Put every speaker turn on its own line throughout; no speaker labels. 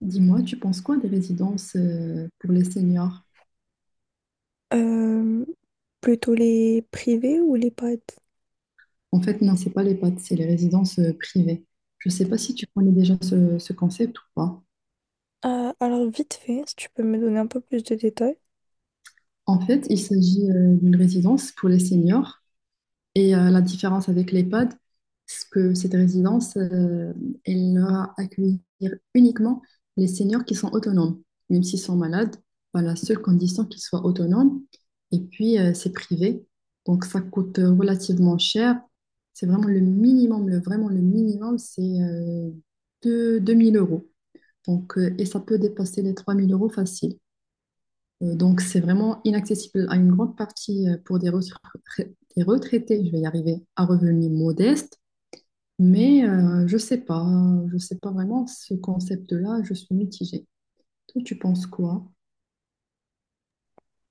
Dis-moi, tu penses quoi des résidences pour les seniors?
Euh, Plutôt les privés ou les pads?
En fait, non, c'est pas les PATS, c'est les résidences privées. Je ne sais pas si tu connais déjà ce concept ou pas.
Alors vite fait, si tu peux me donner un peu plus de détails.
En fait, il s'agit d'une résidence pour les seniors. Et la différence avec les pods, c'est que cette résidence, elle va accueillir uniquement les seniors qui sont autonomes, même s'ils sont malades, à la seule condition qu'ils soient autonomes. Et puis, c'est privé. Donc, ça coûte relativement cher. C'est vraiment le minimum. Le, vraiment, le minimum, c'est 2000 euros. Et ça peut dépasser les 3000 euros facile. Et donc, c'est vraiment inaccessible à une grande partie pour des, des retraités, je vais y arriver, à revenus modestes. Mais je sais pas vraiment ce concept-là, je suis mitigée. Toi, tu penses quoi?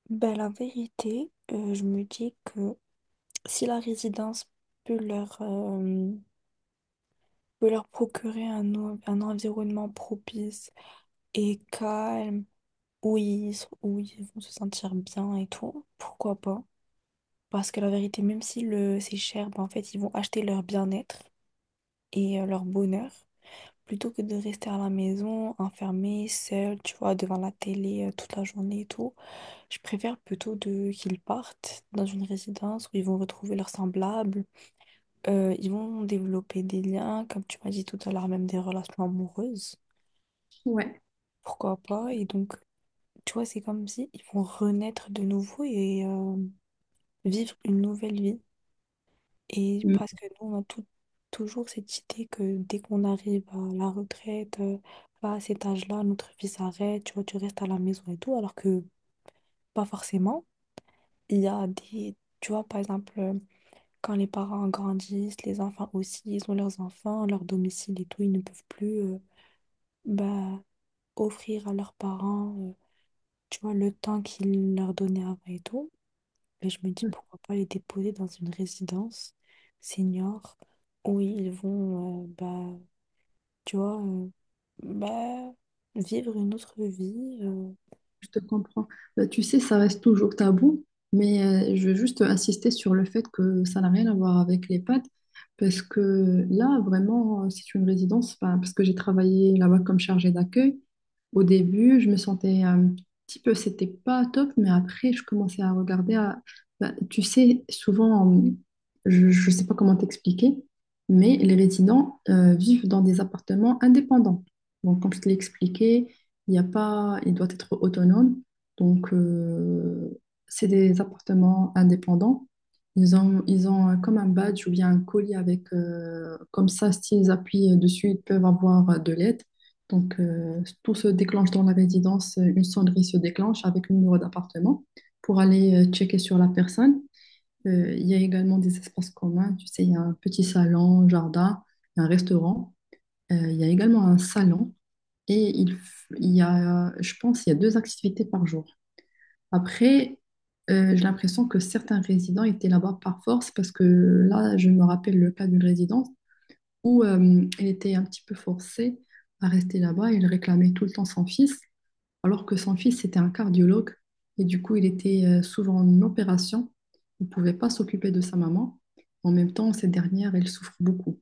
Ben, la vérité, je me dis que si la résidence peut leur, euh, peut leur procurer un, un environnement propice et calme, où ils, où ils vont se sentir bien et tout, pourquoi pas? Parce que la vérité, même si le, c'est cher, ben, en fait, ils vont acheter leur bien-être et leur bonheur. Plutôt que de rester à la maison, enfermée, seule, tu vois, devant la télé toute la journée et tout, je préfère plutôt de qu'ils partent dans une résidence où ils vont retrouver leurs semblables. Ils vont développer des liens, comme tu m'as dit tout à l'heure, même des relations amoureuses.
Ouais.
Pourquoi pas? Et donc, tu vois, c'est comme si ils vont renaître de nouveau et vivre une nouvelle vie. Et parce que nous, on a toujours cette idée que dès qu'on arrive à la retraite, bah, à cet âge-là, notre vie s'arrête, tu vois, tu restes à la maison et tout, alors que pas forcément. Il y a des, tu vois, par exemple, quand les parents grandissent, les enfants aussi, ils ont leurs enfants, leur domicile et tout, ils ne peuvent plus bah, offrir à leurs parents, tu vois, le temps qu'ils leur donnaient avant et tout. Mais je me dis pourquoi pas les déposer dans une résidence senior où ils vont, bah, tu vois, bah, vivre une autre vie.
Je te comprends. Bah, tu sais, ça reste toujours tabou, mais je veux juste insister sur le fait que ça n'a rien à voir avec les pattes, parce que là, vraiment, c'est une résidence, enfin, parce que j'ai travaillé là-bas comme chargée d'accueil. Au début, je me sentais un petit peu, c'était pas top, mais après, je commençais à regarder. Bah, tu sais, souvent, je ne sais pas comment t'expliquer, mais les résidents vivent dans des appartements indépendants. Donc, comme je te l'ai expliqué, il y a pas, il doit être autonome. Donc, c'est des appartements indépendants. Ils ont comme un badge ou bien un colis avec, comme ça, s'ils appuient dessus, ils peuvent avoir de l'aide. Donc, tout se déclenche dans la résidence. Une sonnerie se déclenche avec le numéro d'appartement pour aller checker sur la personne. Il y a également des espaces communs. Tu sais, il y a un petit salon, jardin, un restaurant. Il y a également un salon et il y a, je pense, il y a 2 activités par jour. Après, j'ai l'impression que certains résidents étaient là-bas par force parce que là, je me rappelle le cas d'une résidence où elle était un petit peu forcée à rester là-bas. Il réclamait tout le temps son fils, alors que son fils était un cardiologue et du coup, il était souvent en opération. Il ne pouvait pas s'occuper de sa maman. En même temps, cette dernière, elle souffre beaucoup.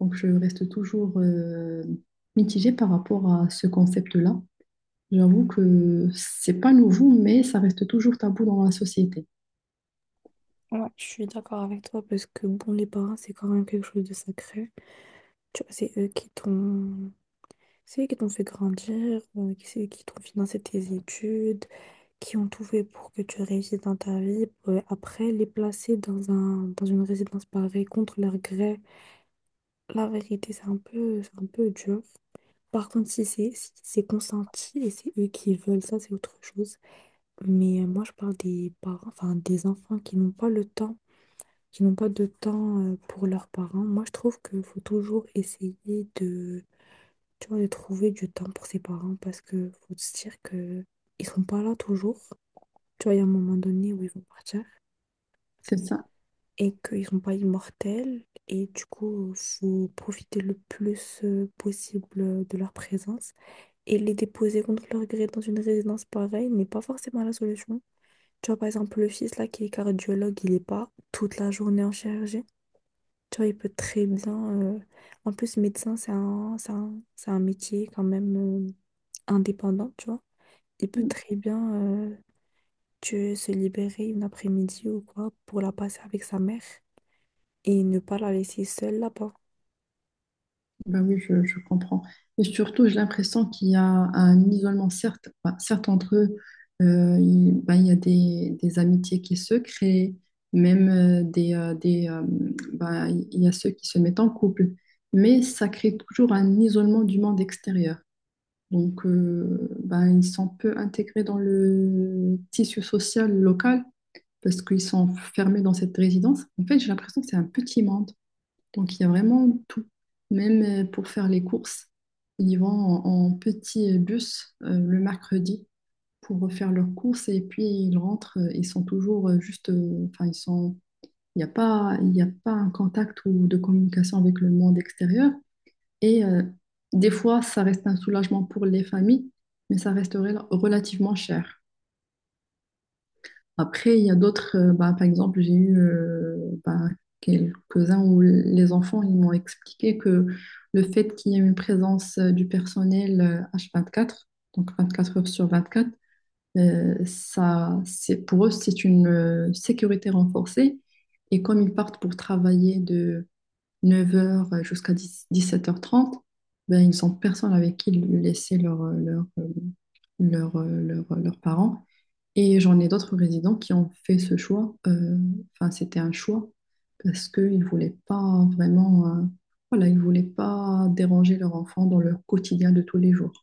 Donc, je reste toujours mitigée par rapport à ce concept-là. J'avoue que c'est pas nouveau, mais ça reste toujours tabou dans la société.
Ouais, je suis d'accord avec toi parce que, bon, les parents, c'est quand même quelque chose de sacré. Tu vois, c'est eux qui t'ont... C'est eux qui t'ont fait grandir, c'est eux qui t'ont financé tes études, qui ont tout fait pour que tu réussisses dans ta vie. Après, les placer dans un, dans une résidence pareille contre leur gré. La vérité, c'est un peu dur. Par contre, si c'est si c'est consenti et c'est eux qui veulent ça, c'est autre chose. Mais moi, je parle des parents, enfin des enfants qui n'ont pas le temps, qui n'ont pas de temps pour leurs parents. Moi, je trouve qu'il faut toujours essayer de, tu vois, de trouver du temps pour ses parents parce que faut se dire que ils sont pas là toujours. Tu vois, il y a un moment donné où ils vont partir
C'est ça.
et qu'ils sont pas immortels. Et du coup, faut profiter le plus possible de leur présence. Et les déposer contre leur gré dans une résidence pareille n'est pas forcément la solution. Tu vois, par exemple, le fils là qui est cardiologue, il n'est pas toute la journée en chirurgie. Tu vois, il peut très bien. euh, En plus, médecin, c'est un métier quand même indépendant, tu vois. Il peut
Mm.
très bien se libérer une après-midi ou quoi pour la passer avec sa mère et ne pas la laisser seule là-bas.
Ben oui, je comprends. Et surtout, j'ai l'impression qu'il y a un isolement, certes, ben, certes entre eux, ben, il y a des amitiés qui se créent, même ben, il y a ceux qui se mettent en couple, mais ça crée toujours un isolement du monde extérieur. Donc, ben, ils sont peu intégrés dans le tissu social local, parce qu'ils sont fermés dans cette résidence. En fait, j'ai l'impression que c'est un petit monde. Donc, il y a vraiment tout. Même pour faire les courses, ils vont en petit bus le mercredi pour faire leurs courses et puis ils rentrent. Ils sont toujours juste. Enfin, ils sont. Il n'y a pas, il n'y a pas un contact ou de communication avec le monde extérieur. Et des fois, ça reste un soulagement pour les familles, mais ça resterait relativement cher. Après, il y a d'autres, bah, par exemple, j'ai eu bah, quelques-uns où les enfants ils m'ont expliqué que le fait qu'il y ait une présence du personnel H24, donc 24 heures sur 24, ça, c'est, pour eux, c'est une sécurité renforcée. Et comme ils partent pour travailler de 9 heures jusqu'à 10 17h30, ben, ils n'ont personne avec qui laisser leurs parents. Et j'en ai d'autres résidents qui ont fait ce choix. Enfin, c'était un choix parce qu'ils ne voulaient pas vraiment, voilà, ils voulaient pas déranger leur enfant dans leur quotidien de tous les jours.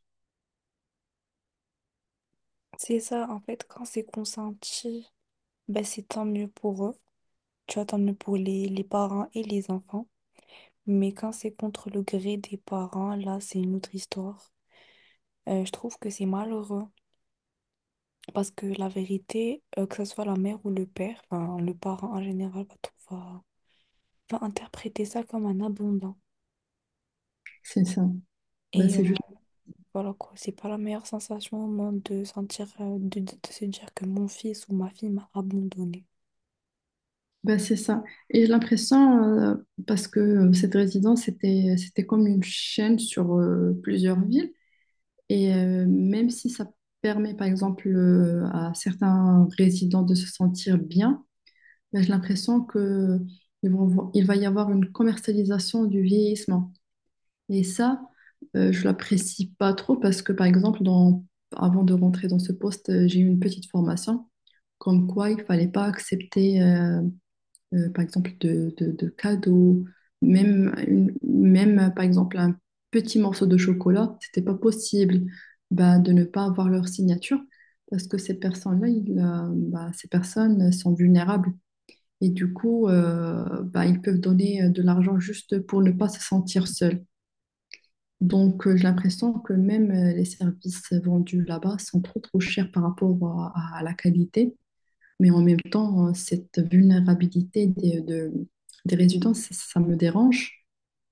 C'est ça, en fait, quand c'est consenti, ben c'est tant mieux pour eux. Tu vois, tant mieux pour les parents et les enfants. Mais quand c'est contre le gré des parents, là, c'est une autre histoire. Je trouve que c'est malheureux parce que la vérité, que ce soit la mère ou le père, enfin, le parent en général va, va, va interpréter ça comme un abondant.
C'est ça. Ben,
Et
c'est juste.
voilà quoi, c'est pas la meilleure sensation au monde de sentir, de, de se dire que mon fils ou ma fille m'a abandonné.
Ben, c'est ça. Et j'ai l'impression, parce que cette résidence, c'était comme une chaîne sur plusieurs villes. Et même si ça permet, par exemple, à certains résidents de se sentir bien, mais j'ai l'impression que il va y avoir une commercialisation du vieillissement. Et ça, je l'apprécie pas trop parce que, par exemple, avant de rentrer dans ce poste, j'ai eu une petite formation comme quoi il fallait pas accepter, par exemple, de cadeaux, même, même, par exemple, un petit morceau de chocolat. C'était pas possible, bah, de ne pas avoir leur signature parce que ces personnes-là, ces personnes sont vulnérables. Et du coup, bah, ils peuvent donner de l'argent juste pour ne pas se sentir seul. Donc, j'ai l'impression que même les services vendus là-bas sont trop chers par rapport à la qualité. Mais en même temps, cette vulnérabilité des résidences, ça me dérange.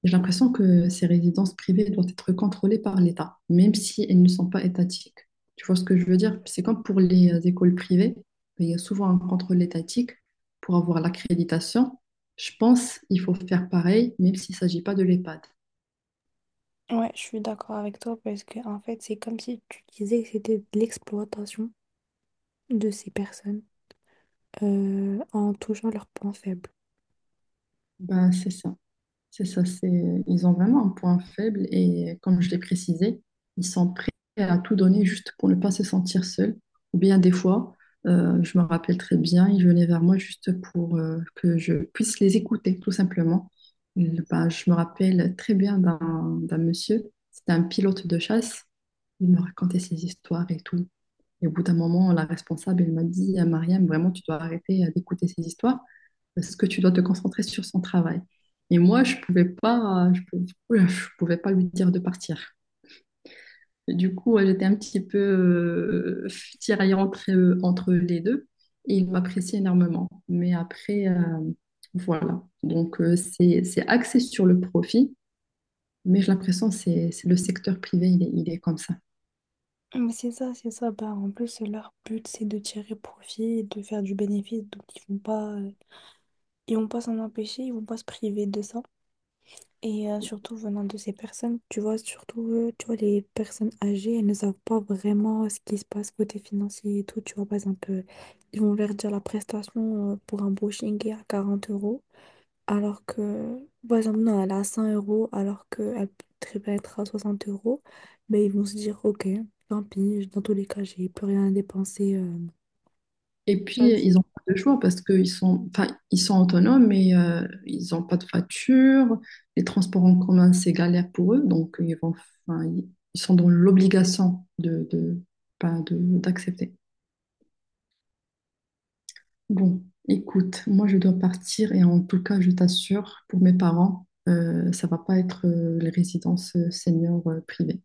J'ai l'impression que ces résidences privées doivent être contrôlées par l'État, même si elles ne sont pas étatiques. Tu vois ce que je veux dire? C'est comme pour les écoles privées, il y a souvent un contrôle étatique pour avoir l'accréditation. Je pense qu'il faut faire pareil, même s'il ne s'agit pas de l'EHPAD.
Ouais, je suis d'accord avec toi parce que en fait, c'est comme si tu disais que c'était de l'exploitation de ces personnes en touchant leurs points faibles.
Ben, c'est ça. C'est ça, c'est, ils ont vraiment un point faible et comme je l'ai précisé, ils sont prêts à tout donner juste pour ne pas se sentir seuls. Ou bien des fois, je me rappelle très bien, ils venaient vers moi juste pour que je puisse les écouter, tout simplement. Bah, je me rappelle très bien d'un monsieur, c'était un pilote de chasse, il me racontait ses histoires et tout. Et au bout d'un moment, la responsable, elle m'a dit à Mariam, vraiment, tu dois arrêter d'écouter ces histoires parce que tu dois te concentrer sur son travail. Et moi, je pouvais pas lui dire de partir. Et du coup, j'étais un petit peu tiraillée entre les deux et il m'appréciait énormément. Mais après, voilà. Donc, c'est axé sur le profit, mais j'ai l'impression que c'est le secteur privé, il est comme ça.
Mais c'est ça, c'est ça. Bah, en plus, leur but, c'est de tirer profit et de faire du bénéfice. Donc, ils vont pas s'en empêcher, ils vont pas se priver de ça. Et surtout venant de ces personnes, tu vois, surtout, tu vois, les personnes âgées, elles ne savent pas vraiment ce qui se passe côté financier et tout. Tu vois, par exemple, ils vont leur dire la prestation pour un brushing est à 40 euros. Alors que, par exemple, non, elle est à 100 euros alors qu'elle peut très bien être à 60 euros. Mais ils vont se dire, ok, tant pis, dans tous les cas, j'ai plus rien à dépenser.
Et
Tu
puis,
vois, c'est
ils n'ont pas de choix parce qu'ils sont, enfin, ils sont autonomes, mais ils n'ont pas de voiture. Les transports en commun, c'est galère pour eux. Donc, ils vont, enfin, ils sont dans l'obligation ben, d'accepter. Bon, écoute, moi, je dois partir. Et en tout cas, je t'assure, pour mes parents, ça va pas être les résidences seniors privées.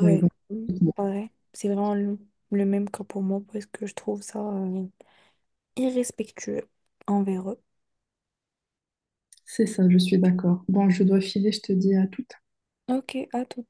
Bon, ils vont.
mm, pareil. C'est vraiment le même cas pour moi parce que je trouve ça irrespectueux envers eux.
C'est ça, je suis d'accord. Bon, je dois filer. Je te dis à tout.
Ok, à tout.